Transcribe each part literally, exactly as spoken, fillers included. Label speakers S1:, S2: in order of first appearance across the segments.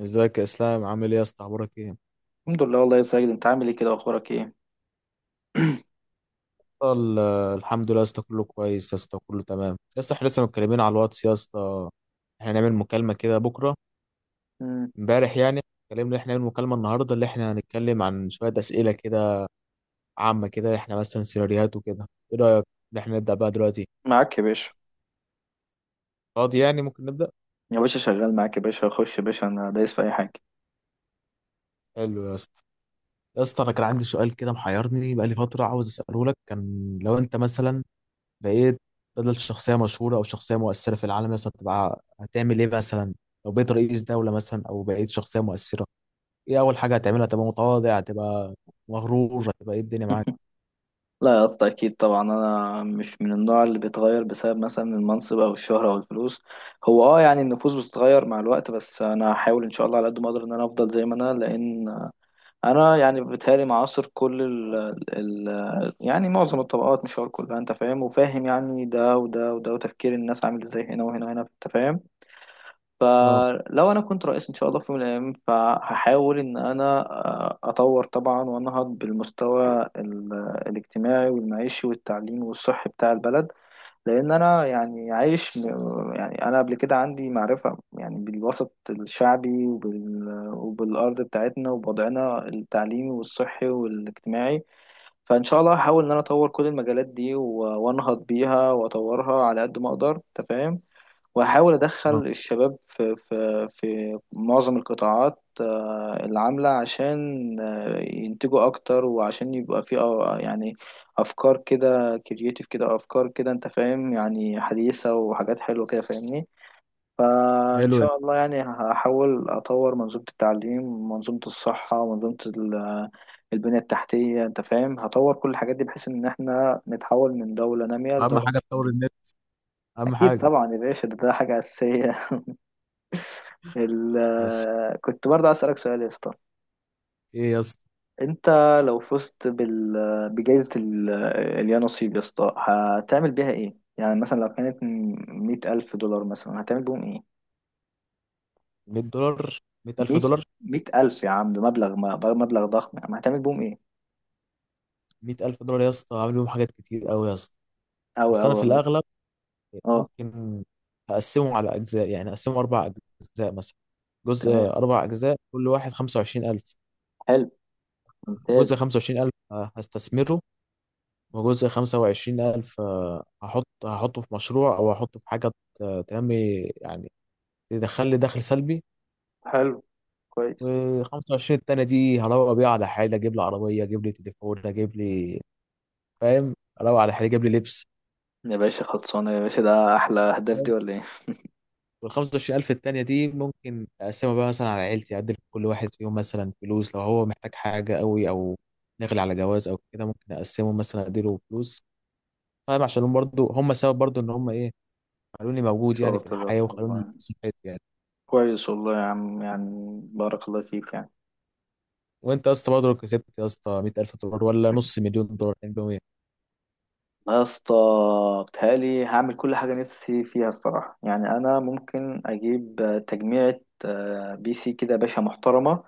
S1: ازيك يا اسلام؟ عامل ايه يا اسطى؟ اخبارك ايه؟
S2: الحمد لله والله يا سيد، انت عامل ايه كده واخبارك ايه؟
S1: ال- الحمد لله يا اسطى، كله كويس يا اسطى، كله تمام يا اسطى. احنا لسه متكلمين على الواتس يا اسطى، احنا هنعمل مكالمة كده بكرة
S2: مم.
S1: امبارح يعني. اتكلمنا ان احنا هنعمل مكالمة النهاردة اللي احنا هنتكلم عن شوية أسئلة كده عامة كده، احنا مثلا سيناريوهات وكده. ايه رأيك ان احنا نبدأ بقى دلوقتي؟
S2: معاك يا باشا.
S1: فاضي يعني؟ ممكن نبدأ؟
S2: يا باشا شغال معاك، يا باشا خش يا باشا، انا دايس في اي حاجه.
S1: حلو يا اسطى. يا اسطى انا كان عندي سؤال كده محيرني بقالي فترة، عاوز اسأله لك. كان لو انت مثلا بقيت بدل شخصية مشهورة أو شخصية مؤثرة في العالم مثلا، تبقى هتعمل إيه مثلا؟ لو بقيت رئيس دولة مثلا أو بقيت شخصية مؤثرة، إيه أول حاجة هتعملها؟ هتبقى متواضع؟ هتبقى مغرور؟ هتبقى إيه؟ الدنيا معاك.
S2: لا يا اسطى، اكيد طبعا انا مش من النوع اللي بيتغير بسبب مثلا المنصب او الشهره او الفلوس. هو اه يعني النفوس بتتغير مع الوقت، بس انا هحاول ان شاء الله على قد ما اقدر ان انا افضل زي ما انا، لان انا يعني بيتهيألي معاصر كل ال ال يعني معظم الطبقات، مش هقول كلها، انت فاهم، وفاهم يعني ده وده وده، وتفكير الناس عامل ازاي هنا وهنا وهنا، انت فاهم.
S1: أه،
S2: فلو انا كنت رئيس ان شاء الله في يوم من الايام، فهحاول ان انا آه، اطور طبعا وانهض بالمستوى ال- الاجتماعي والمعيشي والتعليمي والصحي بتاع البلد. لان انا يعني عايش م- يعني انا قبل كده عندي معرفة يعني بالوسط الشعبي وبال وبالارض بتاعتنا وبوضعنا التعليمي والصحي والاجتماعي. فان شاء الله هحاول ان انا اطور كل المجالات دي و- وانهض بيها واطورها على قد ما اقدر، تفهم. واحاول
S1: أه.
S2: ادخل الشباب في في في معظم القطاعات آه، اللي عامله، عشان آه، ينتجوا اكتر، وعشان يبقى في آه، يعني افكار كده كرييتيف كده، افكار كده انت فاهم، يعني حديثه وحاجات حلوه كده، فاهمني. فان
S1: حلو يعني.
S2: شاء الله يعني هحاول اطور منظومه التعليم، منظومه الصحه، ومنظومه ال- البنيه التحتيه، انت فاهم. هطور كل الحاجات دي بحيث ان احنا نتحول من دوله ناميه
S1: أهم
S2: لدوله
S1: حاجة تطور
S2: متقدمه.
S1: النت، أهم
S2: اكيد
S1: حاجة.
S2: طبعا يا باشا، ده ده حاجه اساسيه. ال...
S1: ماشي.
S2: كنت برضه عايز اسالك سؤال يا اسطى.
S1: إيه يا اسطى؟
S2: انت لو فزت بال... بجائزه ال... اليا نصيب يا اسطى، هتعمل بيها ايه؟ يعني مثلا لو كانت مية ألف دولار مثلا، هتعمل بيهم ايه؟
S1: مية دولار؟ 100000
S2: مية،
S1: دولار
S2: مية ألف يا عم، ده مبلغ ما- مبلغ ضخم يا عم، هتعمل بيهم ايه؟
S1: مية ألف دولار يا اسطى عامل بيهم حاجات كتير أوي يا اسطى.
S2: أو
S1: بس أنا
S2: أو
S1: في
S2: أو
S1: الأغلب
S2: اه.
S1: ممكن أقسمهم على أجزاء، يعني أقسمهم أربع أجزاء مثلا، جزء،
S2: تمام.
S1: أربع أجزاء كل واحد خمسة وعشرين ألف.
S2: حلو. ممتاز.
S1: جزء خمسة وعشرين ألف آه، هستثمره، وجزء خمسة وعشرين ألف آه، هحط، هحطه في مشروع او هحطه في حاجه ت- تنمي يعني، تدخل لي دخل سلبي.
S2: حلو. كويس.
S1: و25 التانية دي هروق بيها على حالي، اجيب لي عربيه، اجيب لي تليفون، اجيب لي، فاهم؟ اروق على حالي، اجيب لي لبس.
S2: يا باشا خلصانة، يا باشا ده أحلى أهداف، دي ولا إيه؟
S1: وال خمسة وعشرين ألف التانية دي ممكن اقسمها بقى مثلا على عيلتي، ادي لكل واحد فيهم مثلا فلوس لو هو محتاج حاجه قوي او داخل على جواز او كده، ممكن اقسمه مثلا اديله فلوس، فاهم؟ عشان هم برضه هم سبب برضه ان هم ايه، خلوني موجود يعني في
S2: شرف الرب
S1: الحياة، وخلوني
S2: والله.
S1: كسبت يعني.
S2: كويس والله يا عم، يعني بارك الله فيك.
S1: وانت يا اسطى برضه لو كسبت يا اسطى مية ألف دولار ولا نص مليون دولار مئتين؟
S2: لا يا اسطى، بتهيألي هعمل كل حاجة نفسي فيها الصراحة. يعني أنا ممكن أجيب آه، تجميعة آه، بي سي كده يا باشا محترمة،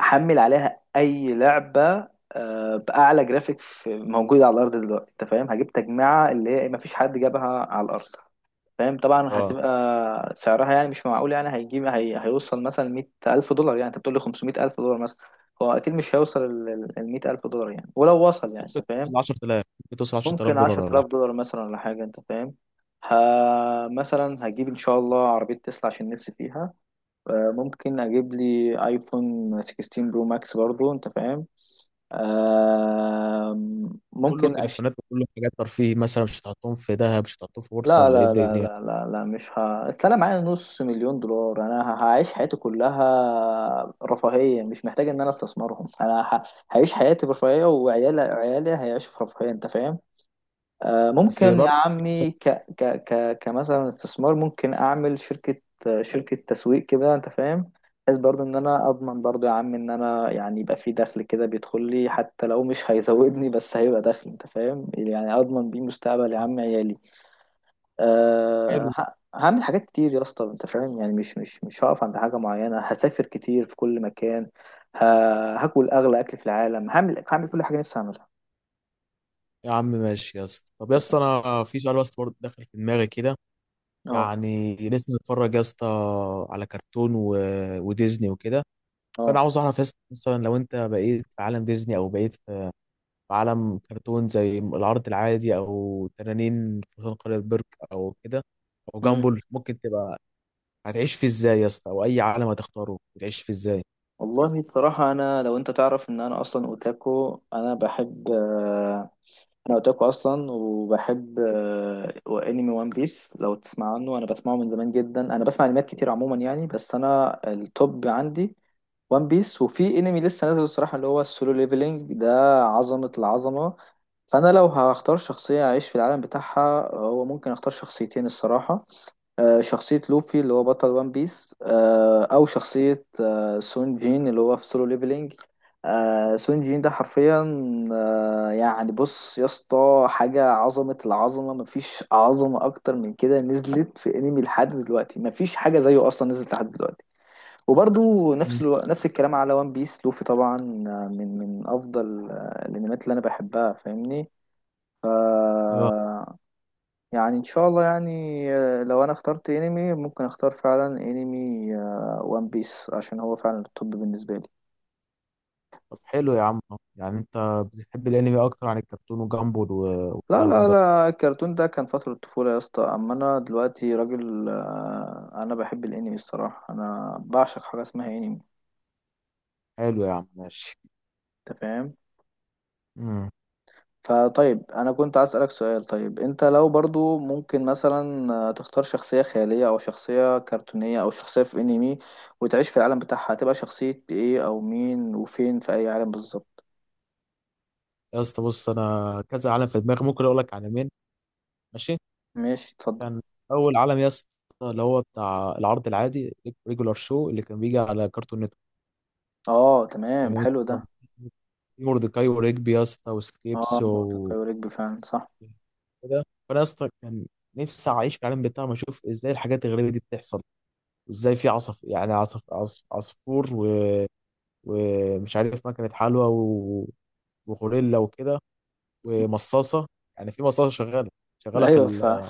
S2: أحمل عليها أي لعبة آه، بأعلى جرافيك في- موجودة على الأرض دلوقتي، أنت فاهم. هجيب تجميعة اللي هي إيه، مفيش حد جابها على الأرض، فاهم. طبعا
S1: اه.
S2: هتبقى سعرها يعني مش معقول، يعني هيجيب هي... هيوصل مثلا مية ألف دولار، يعني أنت بتقول لي خمسمية ألف دولار مثلا. هو أكيد مش هيوصل ال ال- المية ألف دولار، يعني ولو وصل يعني أنت
S1: ممكن
S2: فاهم.
S1: توصل عشرة آلاف، ممكن توصل 10000
S2: ممكن
S1: دولار
S2: عشرة
S1: ولا
S2: آلاف
S1: حاجة.
S2: دولار مثلا ولا حاجة، أنت فاهم. ه... مثلا هجيب إن شاء الله عربية تسلا عشان نفسي فيها. آه، ممكن أجيب لي آيفون ستة عشر برو ماكس برضو، أنت فاهم. آه،
S1: كله
S2: ممكن أش.
S1: تليفونات وكله حاجات ترفيه مثلا؟ مش هتحطهم في ذهب؟ مش هتحطهم في بورصة؟
S2: لا
S1: ولا ايه
S2: لا لا
S1: الدنيا؟
S2: لا لا لا، مش ه... أصل أنا معايا نص مليون دولار، أنا ه- هعيش حياتي كلها رفاهية، مش محتاج إن أنا أستثمرهم. أنا ه... هعيش حياتي برفاهية، وعيالي عيالي هيعيشوا في رفاهية، أنت فاهم. آه،
S1: بس
S2: ممكن يا
S1: برضه.
S2: عمي ك ك ك كمثلا استثمار، ممكن اعمل شركة آه، شركة تسويق كده، انت فاهم. بحيث برضو ان انا اضمن برضو يا عم، ان انا يعني يبقى في دخل كده بيدخل لي، حتى لو مش هيزودني، بس هيبقى دخل، انت فاهم، يعني اضمن بيه مستقبل يا عم عيالي. أه
S1: حلو
S2: ه- هعمل حاجات كتير يا اسطى، انت فاهم، يعني مش مش مش هقف عند حاجة معينة. هسافر كتير في كل مكان، ه- هاكل اغلى اكل في العالم، هعمل هعمل كل حاجة نفسي اعملها.
S1: يا عم، ماشي يا اسطى. طب يا
S2: انت
S1: اسطى،
S2: فاهم.
S1: انا في سؤال بس برضه داخل في دماغي كده،
S2: اه.
S1: يعني لسه متفرج يا اسطى على كرتون و وديزني وكده. فانا
S2: اه.
S1: عاوز اعرف يا اسطى، مثلا لو انت بقيت في عالم ديزني او بقيت عالم كرتون زي العرض العادي، او تنانين فرسان قرية برك او كده، او جامبل، ممكن تبقى هتعيش فيه ازاي يا اسطى؟ او اي عالم هتختاره هتعيش فيه ازاي؟
S2: والله بصراحة أنا، لو أنت تعرف إن أنا أصلا أوتاكو، أنا بحب آه، أنا أوتاكو أصلا، وبحب آه، أنمي. وان بيس لو تسمع عنه، أنا بسمعه من زمان جدا، أنا بسمع أنميات كتير عموما يعني، بس أنا التوب عندي وان بيس، وفي أنمي لسه نازل الصراحة اللي هو السولو ليفلينج ده، عظمة العظمة. فأنا لو هختار شخصية أعيش في العالم بتاعها، هو ممكن أختار شخصيتين الصراحة. آه، شخصية لوفي اللي هو بطل وان بيس، آه، أو شخصية آه، سون جين اللي هو في سولو ليفلينج. آه، سون جين ده حرفيا آه، يعني، بص يا اسطى، حاجة عظمة العظمة، مفيش عظمة أكتر من كده نزلت في أنمي لحد دلوقتي، مفيش حاجة زيه أصلا نزلت لحد دلوقتي. وبرضو
S1: مم.
S2: نفس الو... نفس الكلام على وان بيس لوفي طبعا. آه، من من أفضل آه، الأنميات اللي أنا بحبها،
S1: اه.
S2: فاهمني. يعني ان شاء الله يعني آه، لو انا اخترت انمي، ممكن اختار فعلا انمي وان بيس، عشان هو فعلا التوب بالنسبه لي.
S1: طب حلو يا عم. يعني انت بتحب الانمي اكتر عن الكرتون وجامبل و-
S2: لا
S1: والكلام
S2: لا
S1: ده.
S2: لا، الكرتون ده كان فتره الطفوله يا اسطى، اما انا دلوقتي راجل آه، انا بحب الانمي الصراحه، انا بعشق حاجه اسمها انمي،
S1: حلو يا عم، ماشي.
S2: انت فاهم.
S1: امم.
S2: فطيب انا كنت عايز اسالك سؤال. طيب انت لو برضو ممكن مثلا آه، تختار شخصيه خياليه او شخصيه كرتونيه او شخصيه في انمي وتعيش في العالم بتاعها، هتبقى شخصيه ايه او مين، وفين في اي عالم بالظبط؟
S1: يا اسطى بص، انا كذا عالم في دماغي، ممكن اقول لك عالمين. ماشي.
S2: ماشي، اتفضل.
S1: كان اول عالم يا اسطى اللي هو بتاع العرض العادي، ريجولار شو اللي كان بيجي على كرتون نتورك.
S2: اه تمام،
S1: كان
S2: حلو ده.
S1: اسطى في موردكاي وريجبي يا اسطى
S2: اه
S1: وسكريبس
S2: منطقي،
S1: و
S2: ورجبي فعلا صح.
S1: كده فانا يا اسطى كان نفسي اعيش في العالم بتاعهم، اشوف ازاي الحاجات الغريبه دي بتحصل، وازاي في عصف، يعني عصف عصف عصفور و ومش عارف مكنه حلوى و وغوريلا وكده ومصاصه. يعني في مصاصه شغاله، شغاله في
S2: ايوه فعلا.
S1: ال...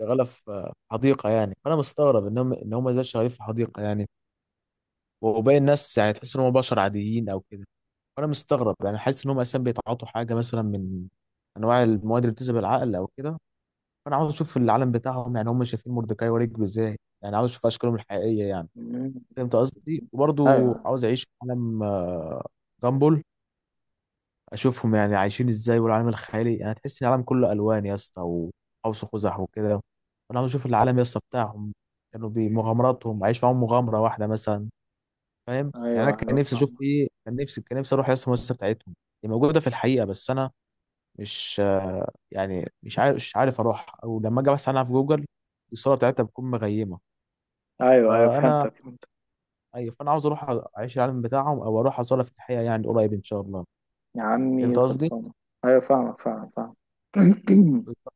S1: شغاله في حديقه يعني. فانا مستغرب ان هم ان هم ازاي شغالين في حديقه يعني، وباقي الناس يعني تحس ان هم بشر عاديين او كده. وانا مستغرب، يعني حاسس ان هم اساسا بيتعاطوا حاجه مثلا من انواع المواد اللي بتذهب العقل او كده. فانا عاوز اشوف العالم بتاعهم، يعني هم شايفين مردكاي ورجبي ازاي، يعني عاوز اشوف اشكالهم الحقيقيه يعني.
S2: مم.
S1: فهمت قصدي؟ وبرضو
S2: ايوه،
S1: عاوز اعيش في عالم آه، جامبل، اشوفهم يعني عايشين ازاي، والعالم الخيالي يعني تحس ان العالم كله الوان يا اسطى، وقوس قزح وكده. وانا عاوز اشوف العالم يا اسطى بتاعهم، كانوا بمغامراتهم، عايش معاهم مغامره واحده مثلا. فاهم يعني؟
S2: ايوه،
S1: انا كان
S2: ايوه
S1: نفسي اشوف
S2: فاهمك.
S1: ايه، كان نفسي كان نفسي اروح يا اسطى المؤسسه بتاعتهم. هي موجوده في الحقيقه، بس انا مش آه، يعني مش عارف مش عارف اروح، او لما اجي بس عنها في جوجل الصوره بتاعتها بتكون مغيمه.
S2: ايوه، ايوه،
S1: فانا
S2: فهمتك فهمتك.
S1: ايوه، فانا عاوز اروح اعيش العالم بتاعهم، او اروح ازورها في الحقيقه يعني قريب ان شاء الله.
S2: يا عمي
S1: انت قصدي
S2: خلصانه. ايوه فاهمك، فعلا فاهم.
S1: بالظبط.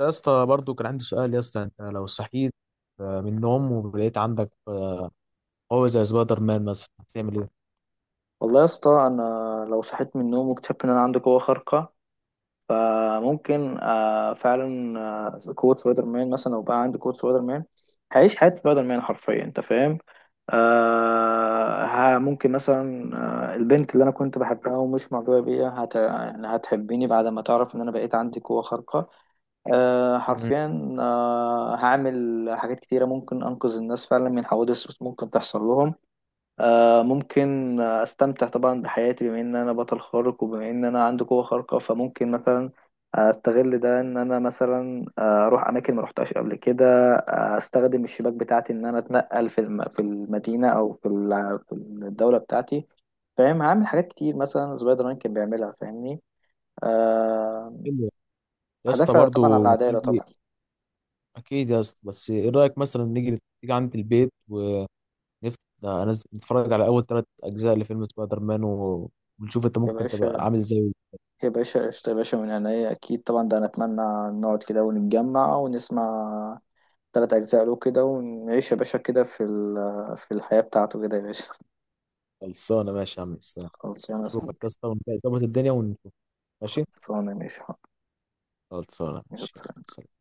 S1: يا اسطى برضو كان عندي سؤال يا اسطى، انت لو صحيت آه، من النوم ولقيت عندك آه، قوة زي سبايدر مان مثلا، هتعمل ايه؟
S2: والله يا اسطى انا لو صحيت من النوم واكتشفت ان انا عندي قوه خارقه، فممكن آه، فعلا آه، قوة سبايدر مان مثلا. لو بقى عندي قوة سبايدر مان، هعيش حياة سبايدر مان حرفيا، انت فاهم. آه ها ممكن مثلا آه البنت اللي انا كنت بحبها ومش معجبه بيها هت... يعني هتحبني بعد ما تعرف ان انا بقيت عندي قوه خارقه. آه
S1: مم.
S2: حرفيا، آه هعمل حاجات كتيره، ممكن انقذ الناس فعلا من حوادث ممكن تحصل لهم. آه، ممكن آه، استمتع طبعا بحياتي، بما ان انا بطل خارق، وبما ان انا عندي قوة خارقة، فممكن مثلا استغل ده، ان انا مثلا آه، اروح اماكن ما روحتهاش قبل كده. آه، استخدم الشباك بتاعتي ان انا اتنقل في الم- في المدينة او في ال- في الدولة بتاعتي، فاهم. هعمل حاجات كتير مثلا سبايدر مان كان بيعملها، فاهمني. أه
S1: حلو. يا اسطى
S2: هدافع طبعا عن
S1: برضو ما
S2: العدالة
S1: تيجي.
S2: طبعا.
S1: اكيد يا اسطى، بس ايه رايك مثلا نيجي نيجي عند البيت، نفسي ده أنا نتفرج على أول ثلاث أجزاء لفيلم سبايدر مان و ونشوف أنت
S2: يا
S1: ممكن تبقى
S2: باشا،
S1: عامل إزاي.
S2: يا باشا قشطة يا باشا، من عينيا أكيد طبعا. ده أنا أتمنى نقعد كده ونتجمع ونسمع تلات أجزاء له كده، ونعيش يا باشا كده في ال- في الحياة بتاعته كده يا باشا.
S1: خلصانة، ماشي يا عم إسلام.
S2: خلصانة يا
S1: شوفك يا
S2: صديقي.
S1: اسطى ونظبط الدنيا ونشوف. ماشي.
S2: خلصانة ماشي حاضر.
S1: خلصانة،
S2: يلا،
S1: ماشي
S2: سلام.
S1: يلا.